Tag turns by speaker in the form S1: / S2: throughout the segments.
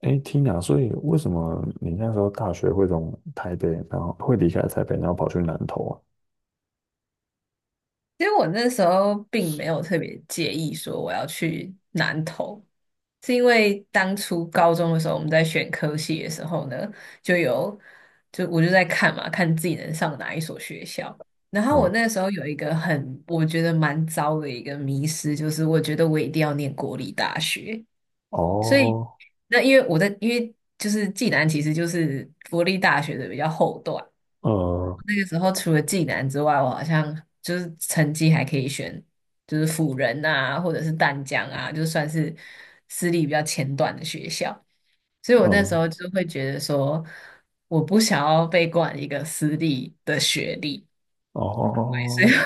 S1: 所以为什么你那时候大学会从台北，然后会离开台北，然后跑去南投啊？
S2: 其实我那时候并没有特别介意说我要去南投，是因为当初高中的时候我们在选科系的时候呢，就有就我就在看嘛，看自己能上哪一所学校。然后我
S1: 嗯。
S2: 那时候有一个很我觉得蛮糟的一个迷失，就是我觉得我一定要念国立大学，所以
S1: 哦。
S2: 那因为我在因为就是暨南其实就是国立大学的比较后段。
S1: 呃，
S2: 那个时候除了济南之外，我好像就是成绩还可以选，就是辅仁啊，或者是淡江啊，就算是私立比较前段的学校。所以我那时
S1: 嗯。
S2: 候就会觉得说，我不想要被冠一个私立的学历，所以。
S1: 哦。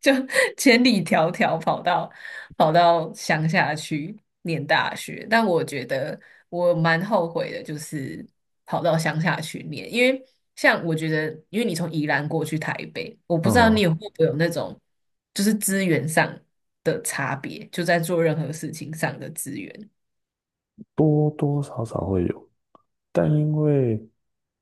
S2: 就 千里迢迢跑到乡下去念大学，但我觉得我蛮后悔的，就是跑到乡下去念，因为像我觉得，因为你从宜兰过去台北，我不知道你
S1: 嗯，
S2: 有会不会有那种就是资源上的差别，就在做任何事情上的资源，
S1: 多多少少会有，但因为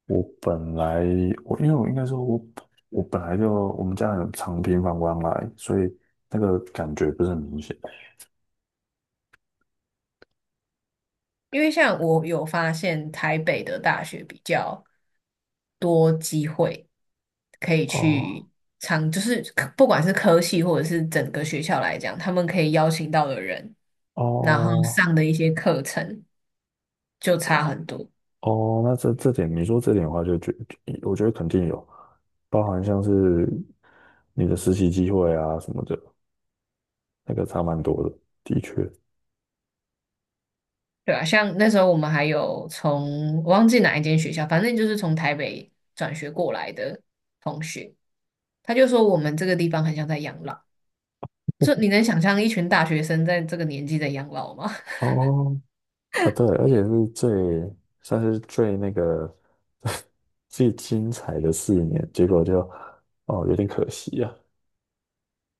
S1: 我本来我因为我应该说我我本来就我们家很常频繁往来，所以那个感觉不是很明显。
S2: 因为像我有发现台北的大学比较。多机会可以
S1: 哦
S2: 去尝，就是不管是科系或者是整个学校来讲，他们可以邀请到的人，然后
S1: 哦
S2: 上的一些课程就差很多，
S1: 哦，那这点你说这点的话就，我觉得肯定有，包含像是你的实习机会啊什么的，那个差蛮多的，的确。
S2: 对啊，像那时候我们还有从我忘记哪一间学校，反正就是从台北转学过来的同学，他就说我们这个地方很像在养老，就你能想象一群大学生在这个年纪在养老吗？
S1: 哦，啊对，而且是最算是最那个 最精彩的4年，结果就哦有点可惜啊。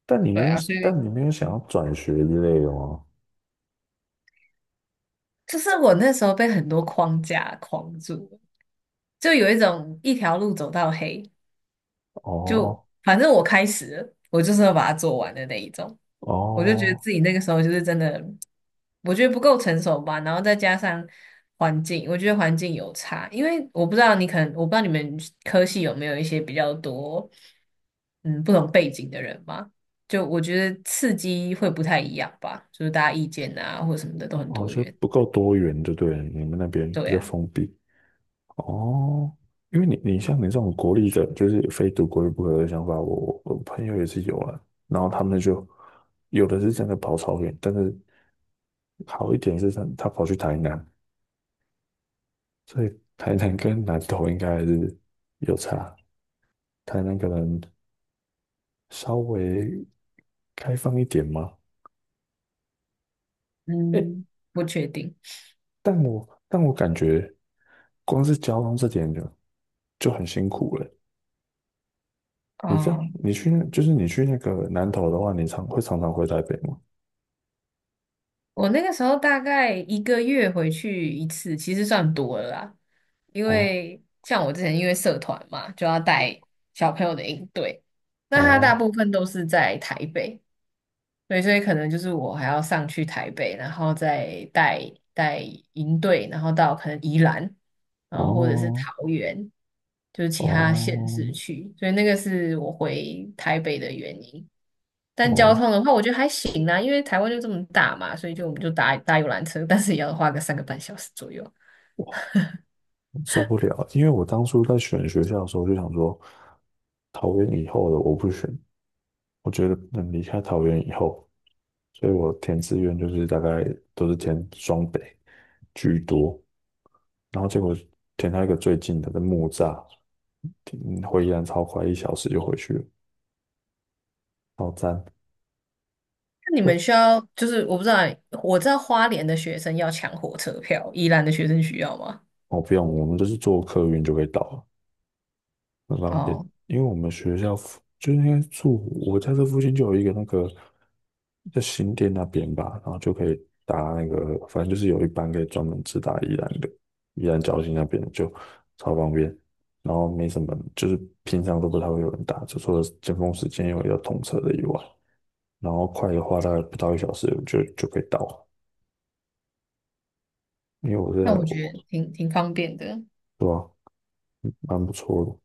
S1: 但你
S2: 对
S1: 没有，
S2: 啊，所以。
S1: 但你没有想要转学之类的吗？
S2: 就是我那时候被很多框架框住了，就有一种一条路走到黑，就
S1: 哦
S2: 反正我开始了我就是要把它做完的那一种。我就觉得
S1: 哦
S2: 自己那个时候就是真的，我觉得不够成熟吧，然后再加上环境，我觉得环境有差，因为我不知道你可能，我不知道你们科系有没有一些比较多，嗯，不同背景的人嘛，就我觉得刺激会不太一样吧，就是大家意见啊或什么的都很
S1: 哦，
S2: 多
S1: 就
S2: 元，
S1: 不够多元，就对了，你们那边
S2: 对
S1: 比较
S2: 啊。
S1: 封闭。哦，因为像你这种国力的，就是非读国力不可的想法，我朋友也是有啊。然后他们就有的是真的跑超远，但是好一点是他跑去台南，所以台南跟南投应该还是有差。台南可能稍微开放一点吗？诶，
S2: 嗯，不确定
S1: 但我感觉光是交通这点就很辛苦了。你这样，
S2: 哦。
S1: 你去那就是你去那个南投的话，会常常回台北吗？
S2: 我那个时候大概一个月回去一次，其实算多了啦。因
S1: 哦，
S2: 为像我之前因为社团嘛，就要带小朋友的营队，那他大部
S1: 哦
S2: 分都是在台北，对，所以可能就是我还要上去台北，然后再带营队，然后到可能宜兰，然后或者是
S1: 哦
S2: 桃园，就是其他县市
S1: 哦
S2: 去，所以那个是我回台北的原因。但交
S1: 哦，
S2: 通的话，我觉得还行啦，因为台湾就这么大嘛，所以就我们就搭搭游览车，但是也要花个3个半小时左右。
S1: 受不了！因为我当初在选学校的时候就想说，桃园以后的我不选，我觉得能离开桃园以后，所以我填志愿就是大概都是填双北居多，然后结果填到一个最近的在木栅，回宜兰超快，一小时就回去了，好赞！
S2: 那你
S1: 呃
S2: 们需要，就是我不知道，我知道花莲的学生要抢火车票，宜兰的学生需要吗？
S1: 哦，不用，我们就是坐客运就可以到了。很方便，
S2: 哦，
S1: 因为我们学校附就应该住我家这附近就有一个那个在新店那边吧，然后就可以搭那个，反正就是有一班可以专门直达宜兰的，宜兰礁溪那边的就超方便，然后没什么，就是平常都不太会有人搭，就除了尖峰时间有要通车的以外，然后快的话大概不到一小时就可以到了，因为我是
S2: 那
S1: 很，
S2: 我觉得挺方便的。
S1: 对吧，蛮不错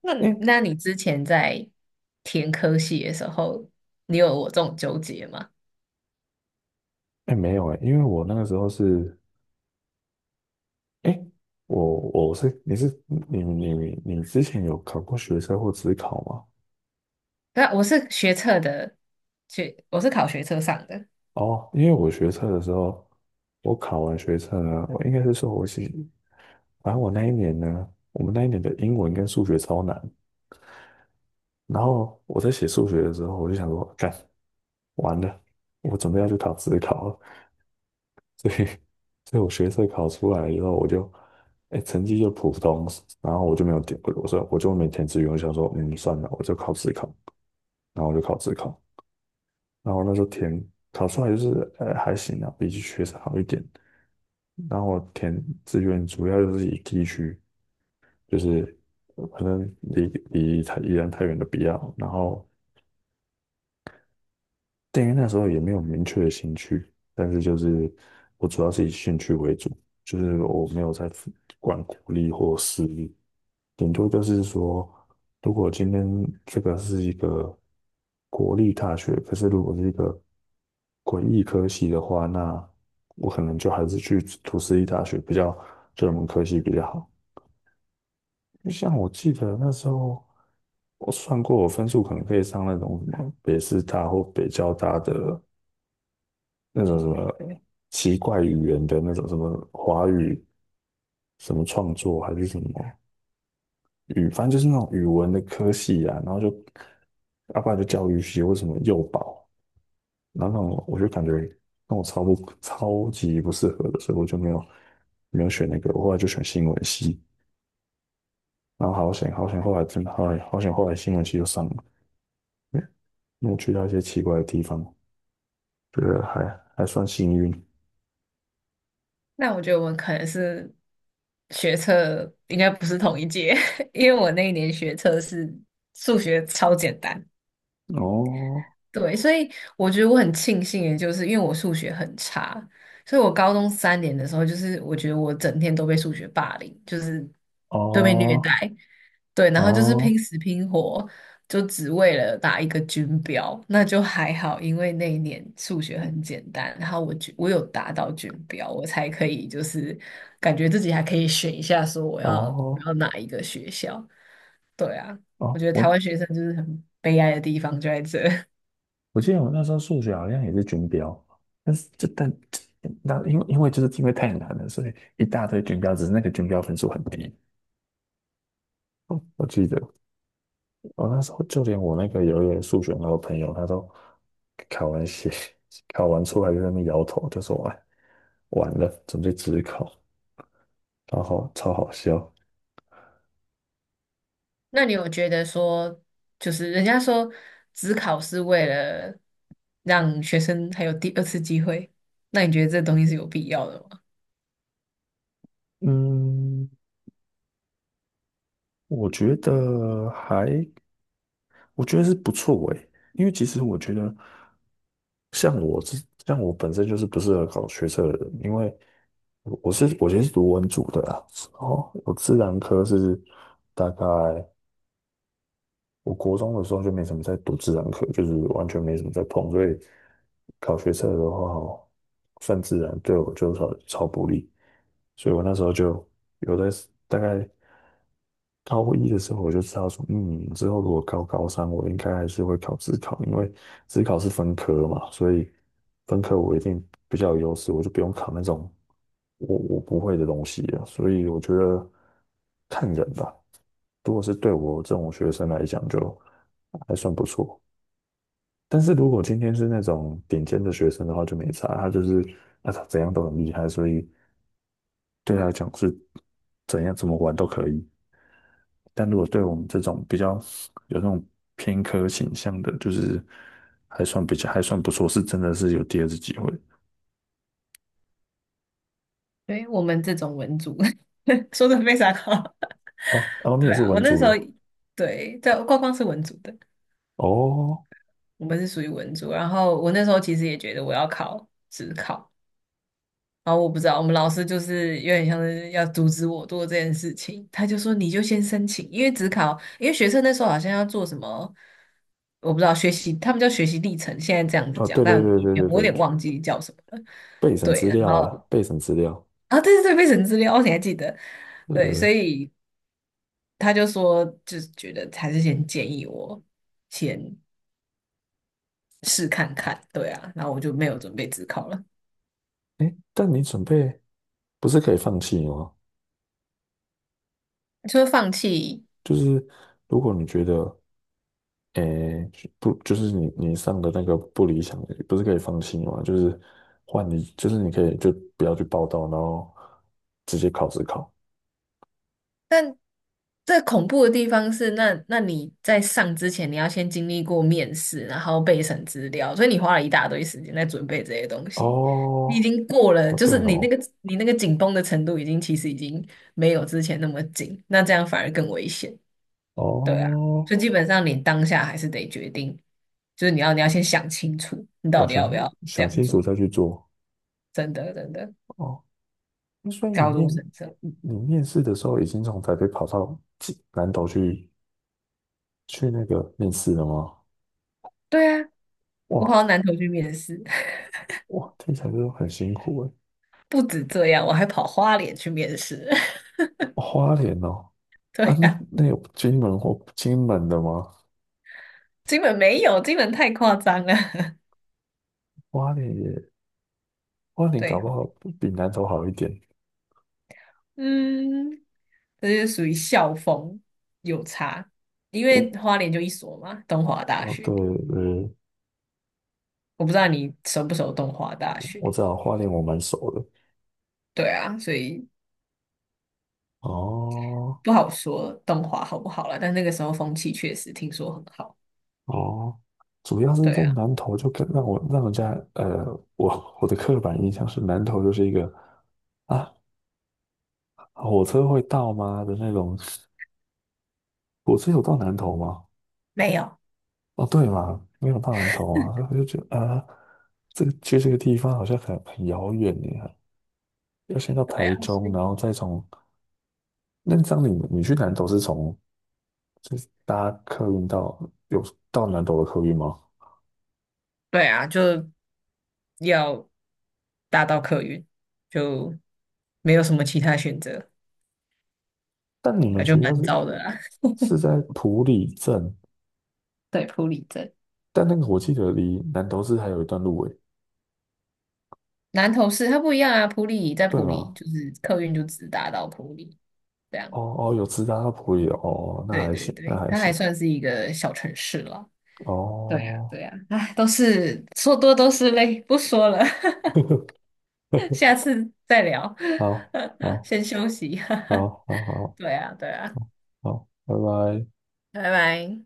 S2: 那
S1: 的。哎
S2: 那你之前在填科系的时候，你有我这种纠结吗？
S1: 哎，没有哎，因为我那个时候是哎，我我是你是你你你之前有考过学测或自考吗？
S2: 那我是学测的，我是考学测上的，
S1: 哦，因为我学测的时候，我考完学测呢，我应该是说我是，反正我那一年呢，我们那一年的英文跟数学超难。然后我在写数学的时候，我就想说，干，完了，我准备要去考自考了，所以，所以我学测考出来以后，哎，成绩就普通，然后我就没填志愿，我想说，嗯，算了，我就考自考，然后我就考自考，然后那时候考出来就是还行啊，比起学生好一点。然后我填志愿主要就是以地区，就是可能离太宜兰太远的比较。然后对，因为那时候也没有明确的兴趣，但是就是我主要是以兴趣为主，就是我没有在管国立或私立，顶多就是说，如果今天这个是一个国立大学，可是如果是一个诡立科系的话，那我可能就还是去读私立大学比较，对门科系比较好。像我记得那时候我算过，我分数可能可以上那种什么北师大或北交大的。那种什么奇怪语言的那种什么华语什么创作还是什么语，反正就是那种语文的科系啊，然后就阿爸然就教育系或什么幼保，然后我就感觉那我超级不适合的，所以我就没有选那个，我后来就选新闻系，然后好险好险，后来真的好险好险，后来新闻系就上了，因为因为去到一些奇怪的地方，觉得还算幸运
S2: 那我觉得我们可能是学测应该不是同一届，因为我那一年学测是数学超简单，
S1: 哦
S2: 对，所以我觉得我很庆幸的就是，因为我数学很差，所以我高中3年的时候，就是我觉得我整天都被数学霸凌，就是都被虐待，
S1: 哦
S2: 对，然后就是
S1: 哦
S2: 拼死拼活，就只为了打一个军标，那就还好，因为那一年数学很简单，然后我就我有达到军标，我才可以就是感觉自己还可以选一下，说我要我
S1: 哦。
S2: 要哪一个学校。对啊，我觉
S1: 哦，
S2: 得台
S1: 我
S2: 湾学生就是很悲哀的地方就在这。
S1: 我记得我那时候数学好像也是军标，但是就但那因为因为就是因为太难了，所以一大堆军标，只是那个军标分数很低。哦，我记得我那时候就连我那个有一个数学老朋友，他都考完写 考完出来就在那边摇头，就说哎完了，准备只考，然后超好笑。
S2: 那你有觉得说，就是人家说只考是为了让学生还有第二次机会，那你觉得这东西是有必要的吗？
S1: 嗯，我觉得还我觉得是不错诶，因为其实我觉得。像我这，像我本身就是不适合搞学测的人，因为我其实是读文组的啊，哦，我自然科是大概我国中的时候就没什么在读自然科，就是完全没什么在碰，所以考学测的话，算自然对我就超不利，所以我那时候就有的大概高一的时候我就知道说，嗯，之后如果高三，我应该还是会考自考，因为自考是分科嘛，所以分科我一定比较有优势，我就不用考那种我不会的东西了。所以我觉得看人吧，如果是对我这种学生来讲，就还算不错。但是如果今天是那种顶尖的学生的话，就没差，他就是啊他怎样都很厉害，所以对他来讲是怎样怎么玩都可以。但如果对我们这种比较有那种偏科倾向的，就是还算比较还算不错，是真的是有第二次机会。
S2: 对，我们这种文组 说的非常好。
S1: 哦，哦，你也
S2: 对
S1: 是
S2: 啊，我
S1: 文
S2: 那时
S1: 组
S2: 候
S1: 的
S2: 对，在光光是文组的，
S1: 哦，
S2: 我们是属于文组。然后我那时候其实也觉得我要考职考，然后我不知道我们老师就是有点像是要阻止我做这件事情，他就说你就先申请，因为职考，因为学生那时候好像要做什么，我不知道学习，他们叫学习历程，现在这样子
S1: 哦，
S2: 讲，
S1: 对对
S2: 但
S1: 对
S2: 以
S1: 对
S2: 前
S1: 对
S2: 我有
S1: 对，
S2: 点
S1: 就
S2: 忘记叫什么了。
S1: 备审
S2: 对，
S1: 资
S2: 然
S1: 料
S2: 后
S1: 啦，备审资料，
S2: 啊，对对对，备审资料，你还记得？
S1: 对对
S2: 对，所
S1: 对。
S2: 以。他就说，就是觉得还是先建议我先试看看，对啊，然后我就没有准备自考了，
S1: 哎，但你准备不是可以放弃吗？
S2: 就放弃。
S1: 就是如果你觉得诶，不，就是你上的那个不理想的，不是可以放弃吗？就是换你，就是你可以就不要去报到，然后直接考试考。
S2: 但这恐怖的地方是，那你在上之前，你要先经历过面试，然后备审资料，所以你花了一大堆时间在准备这些东西。你已
S1: 哦，
S2: 经过了，
S1: 哦，
S2: 就
S1: 对
S2: 是你那
S1: 哦，
S2: 个你那个紧绷的程度，已经其实已经没有之前那么紧，那这样反而更危险。对啊，
S1: 哦，
S2: 所以基本上你当下还是得决定，就是你要先想清楚，你
S1: 哦，
S2: 到底
S1: 想
S2: 要不要这
S1: 想
S2: 样
S1: 清楚
S2: 做。
S1: 再去做。
S2: 真的真的，
S1: 哦，那所以
S2: 高中生这样。
S1: 你面试的时候已经从台北跑到济南岛去那个面试了吗？
S2: 对啊，我跑到
S1: 哇，
S2: 南投去面试，
S1: 哇，听起来就很辛苦哎。哦
S2: 不止这样，我还跑花莲去面试。
S1: 花莲哦，
S2: 对
S1: 啊，那
S2: 啊，
S1: 那有金门或金门的吗？
S2: 金门没有，金门太夸张了。
S1: 花莲也，花 莲搞
S2: 对，
S1: 不好比南投好一点。
S2: 嗯，这就是属于校风有差，因为
S1: 嗯，
S2: 花莲就一所嘛，东华大
S1: 哦，对，
S2: 学。我不知道你熟不熟东华大
S1: 我
S2: 学。
S1: 知道花莲我蛮熟的。
S2: 对啊，所以
S1: 哦
S2: 不好说东华好不好了，但那个时候风气确实听说很好。
S1: 哦，主要是
S2: 对
S1: 在
S2: 啊，
S1: 南投就跟让人家我的刻板印象是南投就是一个啊，火车会到吗的那种。火车有到南投吗？
S2: 没有，
S1: 哦，对嘛，没有到南头啊，所以我就觉得啊，去这个地方好像很遥远耶，要先到
S2: 对
S1: 台
S2: 啊，所
S1: 中，
S2: 以
S1: 然后再从你去南投是从就是搭客运到有到南投的客运吗？
S2: 对啊，就要搭到客运，就没有什么其他选择，
S1: 但你
S2: 那
S1: 们
S2: 就
S1: 学校
S2: 蛮
S1: 是
S2: 糟的啦。
S1: 是在埔里镇，
S2: 对，普里镇，
S1: 但那个我记得离南投市还有一段路诶，
S2: 南投市它不一样啊，普里在
S1: 对
S2: 普里
S1: 吗？
S2: 就是客运就只搭到普里，这样。
S1: 哦哦，有直达到埔里的哦，那
S2: 对
S1: 还
S2: 对
S1: 行，那
S2: 对，
S1: 还
S2: 它
S1: 行
S2: 还算是一个小城市了。对呀，
S1: 哦，
S2: 对呀，哎，都是说多都是泪，不说了。下次再聊，
S1: 好 好
S2: 先休息。
S1: 好好好
S2: 对啊，对啊，
S1: 好，拜拜。
S2: 拜拜。